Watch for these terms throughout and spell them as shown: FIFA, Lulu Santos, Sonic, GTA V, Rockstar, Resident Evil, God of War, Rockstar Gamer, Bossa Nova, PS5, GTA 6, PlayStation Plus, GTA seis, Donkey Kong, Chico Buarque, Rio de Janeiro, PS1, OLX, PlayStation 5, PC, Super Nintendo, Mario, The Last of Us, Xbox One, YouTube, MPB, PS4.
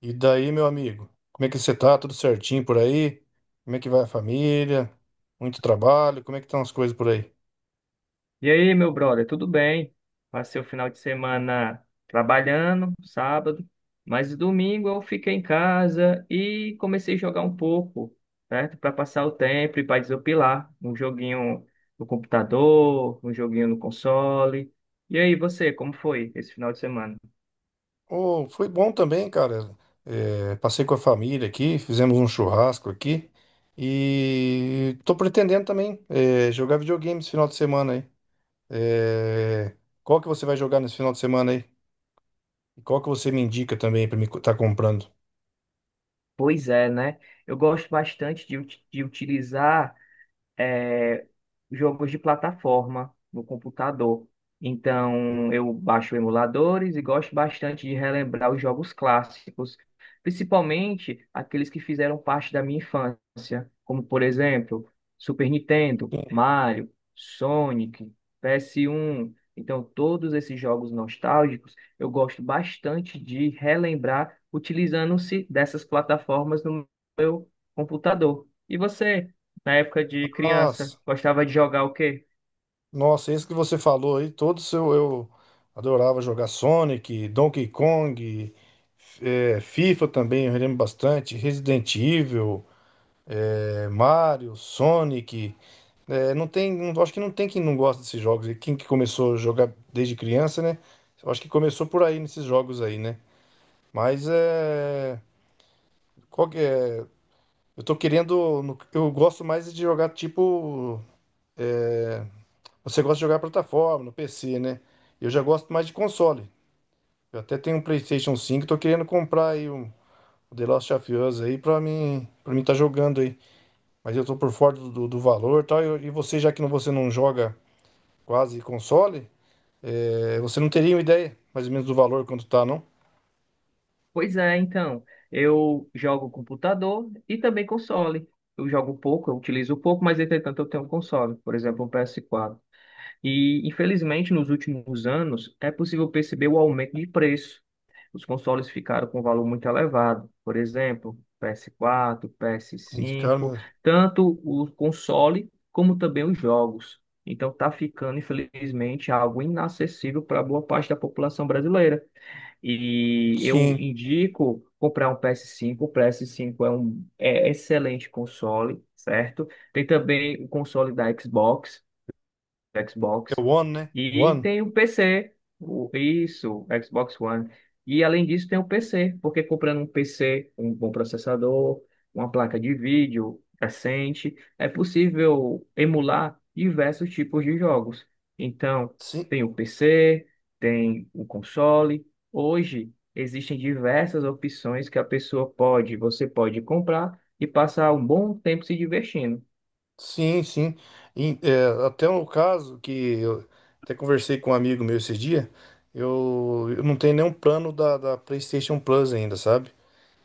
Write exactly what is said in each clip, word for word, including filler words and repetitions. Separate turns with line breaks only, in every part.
E daí, meu amigo? Como é que você tá? Tudo certinho por aí? Como é que vai a família? Muito trabalho? Como é que estão as coisas por aí?
E aí, meu brother, tudo bem? Passei o final de semana trabalhando, sábado, mas domingo eu fiquei em casa e comecei a jogar um pouco, certo? Para passar o tempo e para desopilar, um joguinho no computador, um joguinho no console. E aí, você, como foi esse final de semana?
Oh, foi bom também, cara. É, passei com a família aqui, fizemos um churrasco aqui. E tô pretendendo também é, jogar videogame esse final de semana aí. É, qual que você vai jogar nesse final de semana aí? E qual que você me indica também pra me co- tá comprando?
Pois é, né? Eu gosto bastante de, ut- de utilizar é, jogos de plataforma no computador. Então, eu baixo emuladores e gosto bastante de relembrar os jogos clássicos, principalmente aqueles que fizeram parte da minha infância, como, por exemplo, Super Nintendo, Mario, Sonic, P S um. Então, todos esses jogos nostálgicos, eu gosto bastante de relembrar utilizando-se dessas plataformas no meu computador. E você? Na época de criança,
Nossa.
gostava de jogar o quê?
Nossa, isso que você falou aí, todos eu, eu adorava jogar Sonic, Donkey Kong, eh, FIFA também, eu lembro bastante, Resident Evil, eh, Mario, Sonic. eh, não tem, não- Acho que não tem quem não gosta desses jogos. E quem que começou a jogar desde criança, né? Eu acho que começou por aí nesses jogos aí, né? Mas é, qual que é? Eu tô querendo, no- eu gosto mais de jogar tipo. É, Você gosta de jogar plataforma, no P C, né? Eu já gosto mais de console. Eu até tenho um PlayStation cinco, tô querendo comprar aí um o The Last of Us aí pra mim, para mim tá jogando aí. Mas eu tô por fora do, do, do valor e tal. E, eu- e você, já que não, você não joga quase console, é, você não teria uma ideia mais ou menos do valor quanto tá, não?
Pois é, então, eu jogo computador e também console. Eu jogo pouco, eu utilizo pouco, mas entretanto eu tenho um console, por exemplo, um P S quatro. E, infelizmente, nos últimos anos, é possível perceber o aumento de preço. Os consoles ficaram com um valor muito elevado. Por exemplo, P S quatro,
Tem que ficar,
P S cinco,
mas...
tanto o console como também os jogos. Então, está ficando, infelizmente, algo inacessível para boa parte da população brasileira. E eu
Sim,
indico comprar um P S cinco. O P S cinco é um é excelente console, certo? Tem também o console da Xbox
é
Xbox.
o One, né?
E
One.
tem o P C, o- isso, Xbox One. E além disso tem o P C, porque comprando um P C, um bom processador, uma placa de vídeo decente, é possível emular diversos tipos de jogos. Então,
Sim,
tem o P C, tem o console. Hoje existem diversas opções que a pessoa pode, você pode comprar e passar um bom tempo se divertindo.
sim, sim. E, é, até um caso que eu até conversei com um amigo meu esse dia, eu, eu não tenho nenhum plano da, da PlayStation Plus ainda, sabe?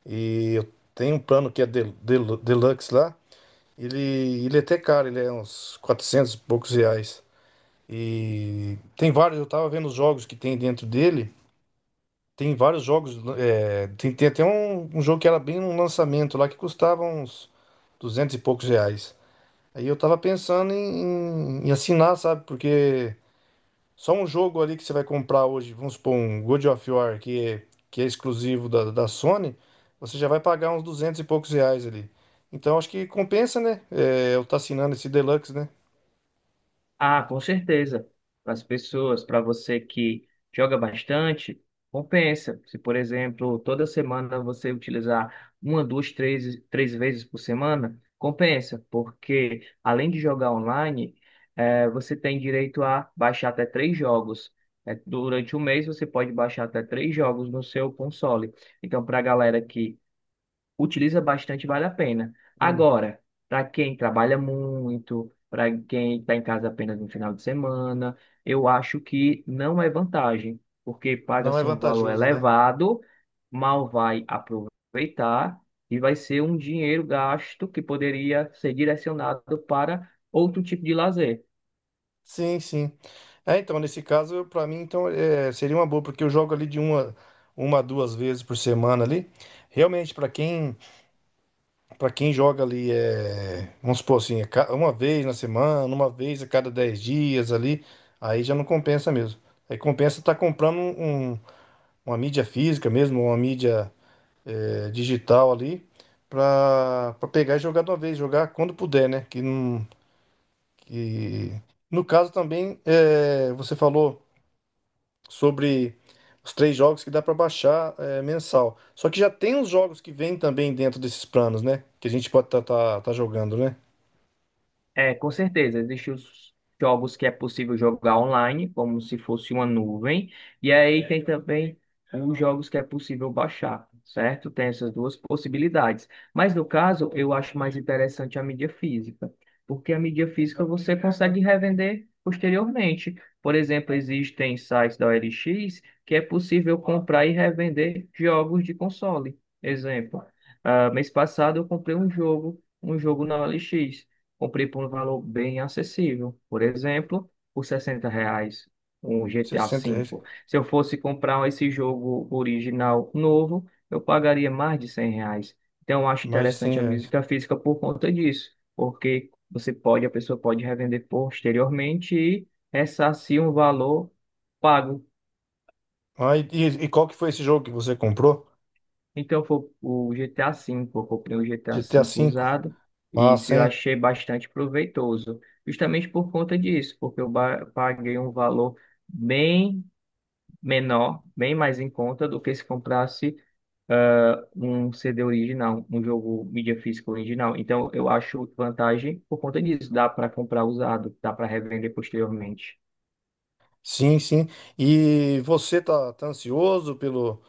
E eu tenho um plano que é del, del- Deluxe lá, ele, ele é até caro, ele é uns quatrocentos e poucos reais. E tem vários, eu tava vendo os jogos que tem dentro dele, tem vários jogos, é, tem, tem até um, um jogo que era bem um lançamento lá que custava uns duzentos e poucos reais. Aí eu tava pensando em, em- em assinar, sabe? Porque só um jogo ali que você vai comprar hoje, vamos supor um God of War, que é, que é exclusivo da, da Sony, você já vai pagar uns duzentos e poucos reais ali. Então acho que compensa, né? É, eu estar assinando esse Deluxe, né?
Ah, com certeza. Para as pessoas, para você que joga bastante, compensa. Se, por exemplo, toda semana você utilizar uma, duas, três, três vezes por semana, compensa, porque além de jogar online, eh, você tem direito a baixar até três jogos. Eh, durante um mês, você pode baixar até três jogos no seu console. Então, para a galera que utiliza bastante, vale a pena.
Hum.
Agora, para quem trabalha muito, para quem está em casa apenas no final de semana, eu acho que não é vantagem, porque
Não é
paga-se um valor
vantajoso, né?
elevado, mal vai aproveitar e vai ser um dinheiro gasto que poderia ser direcionado para outro tipo de lazer.
Sim, sim. É, então, nesse caso, eu- pra mim, então, é, seria uma boa, porque eu jogo ali de uma, uma a duas vezes por semana ali. Realmente, pra quem para quem joga ali, é, vamos supor assim, é ca- uma vez na semana, uma vez a cada dez dias ali, aí já não compensa mesmo. Aí compensa estar comprando um- um- uma mídia física mesmo, uma mídia é, digital ali, para pra pegar e jogar de uma vez, jogar quando puder, né? Que não, que... No caso também, é, você falou sobre os três jogos que dá para baixar é, mensal. Só que já tem os jogos que vêm também dentro desses planos, né? Que a gente pode estar jogando, né?
É, com certeza. Existem os jogos que é possível jogar online, como se fosse uma nuvem. E aí tem também os jogos que é possível baixar, certo? Tem essas duas possibilidades. Mas no caso, eu acho mais interessante a mídia física, porque a mídia física você consegue revender posteriormente. Por exemplo, existem sites da O L X que é possível comprar e revender jogos de console. Exemplo, ah, mês passado eu comprei um jogo, um jogo na O L X. Comprei por um valor bem acessível. Por exemplo, por sessenta reais um G T A V.
Sessenta reais.
Se eu fosse comprar esse jogo original novo, eu pagaria mais de cem reais. Então, eu acho
Mais de cem
interessante a
reais.
música física por conta disso, porque você pode, a pessoa pode revender posteriormente e ressarcir um valor pago.
Ah, e, e e qual que foi esse jogo que você comprou?
Então foi o G T A V, eu comprei o G T A
GTA
V
V?
usado e isso
Massa,
eu
hein?
achei bastante proveitoso, justamente por conta disso, porque eu ba- paguei um valor bem menor, bem mais em conta do que se comprasse, ah, um C D original, um jogo mídia física original. Então eu acho vantagem por conta disso, dá para comprar usado, dá para revender posteriormente.
Sim, sim. E você tá, tá ansioso pelo,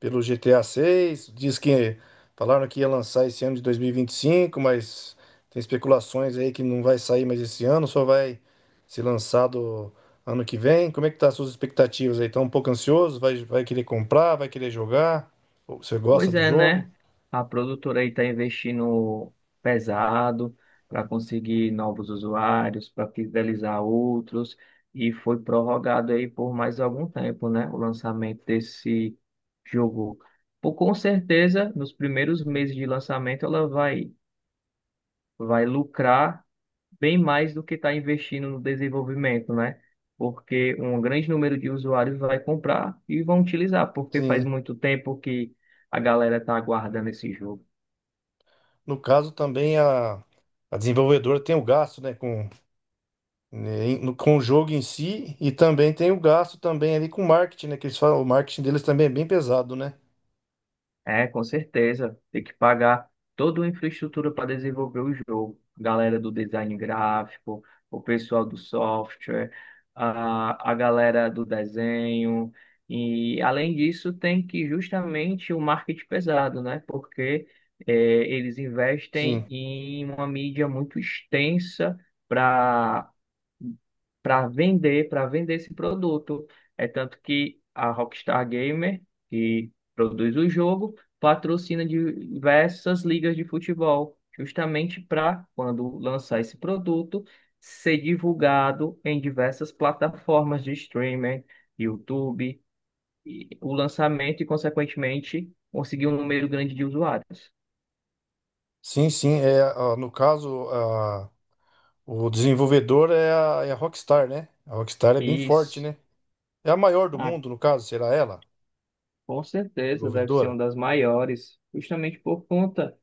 pelo G T A seis. Diz que falaram que ia lançar esse ano de dois mil e e vinte e cinco, mas tem especulações aí que não vai sair mais esse ano, só vai ser lançado ano que vem. Como é que tá as suas expectativas aí? Tá um pouco ansioso? Vai, vai querer comprar? Vai querer jogar? Você gosta
Pois
do
é,
jogo?
né? A produtora aí está investindo pesado para conseguir novos usuários, para fidelizar outros, e foi prorrogado aí por mais algum tempo, né? O lançamento desse jogo. Por, com certeza, nos primeiros meses de lançamento, ela vai, vai lucrar bem mais do que está investindo no desenvolvimento, né? Porque um grande número de usuários vai comprar e vão utilizar, porque faz
Sim.
muito tempo que a galera está aguardando esse jogo.
No caso, também a, a desenvolvedora tem o gasto, né, com, né, em- no- com o jogo em si, e também tem o gasto também ali com marketing, né, que eles falam, o marketing deles também é bem pesado, né?
É, com certeza. Tem que pagar toda a infraestrutura para desenvolver o jogo. Galera do design gráfico, o pessoal do software, a, a galera do desenho. E, além disso, tem que justamente o marketing pesado, né? Porque é, eles
Sim,
investem em uma mídia muito extensa para vender, para vender esse produto. É tanto que a Rockstar Gamer, que produz o jogo, patrocina diversas ligas de futebol, justamente para, quando lançar esse produto, ser divulgado em diversas plataformas de streaming, YouTube, e o lançamento e, consequentemente, conseguir um número grande de usuários.
sim, sim. É, a- no caso, a, o desenvolvedor é a, é a Rockstar, né? A Rockstar é bem forte,
Isso.
né? É a maior do
Ah,
mundo, no caso, será ela,
com certeza deve ser
desenvolvedora?
uma das maiores, justamente por conta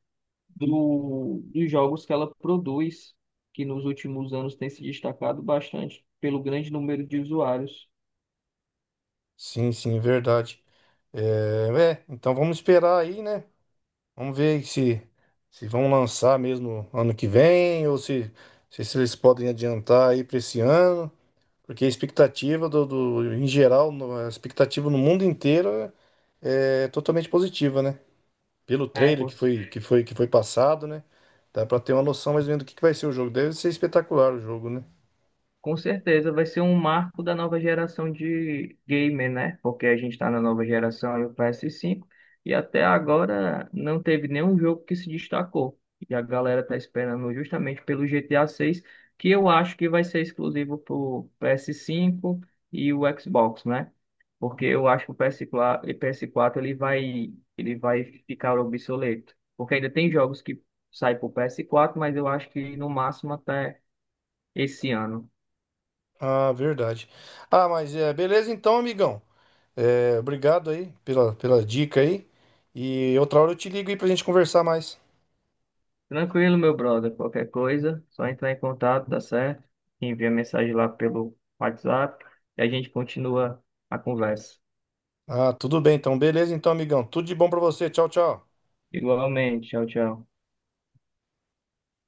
do, dos jogos que ela produz, que nos últimos anos tem se destacado bastante pelo grande número de usuários.
Sim, sim, é verdade. É, é, então vamos esperar aí, né? Vamos ver se, se vão lançar mesmo ano que vem, ou se, se, se eles podem adiantar aí para esse ano, porque a expectativa do, do- em geral, no- a expectativa no mundo inteiro é é totalmente positiva, né? Pelo
É,
trailer
com
que foi que foi que foi passado, né? Dá para ter uma noção mais ou menos do que, que vai ser o jogo. Deve ser espetacular o jogo, né?
Com certeza vai ser um marco da nova geração de gamer, né? Porque a gente está na nova geração e o P S cinco e até agora não teve nenhum jogo que se destacou. E a galera tá esperando justamente pelo G T A seis, que eu acho que vai ser exclusivo pro P S cinco e o Xbox, né? Porque eu acho que o P S quatro, e P S quatro ele vai ele vai ficar obsoleto, porque ainda tem jogos que saem pro P S quatro, mas eu acho que no máximo até esse ano.
Ah, verdade. Ah, mas é, beleza então, amigão. É, obrigado aí pela, pela dica aí. E outra hora eu te ligo aí pra gente conversar mais.
Tranquilo, meu brother. Qualquer coisa, só entrar em contato, dá certo? Envia mensagem lá pelo WhatsApp e a gente continua a conversa.
Ah, tudo bem então. Beleza então, amigão. Tudo de bom pra você. Tchau, tchau.
Igualmente, tchau, tchau.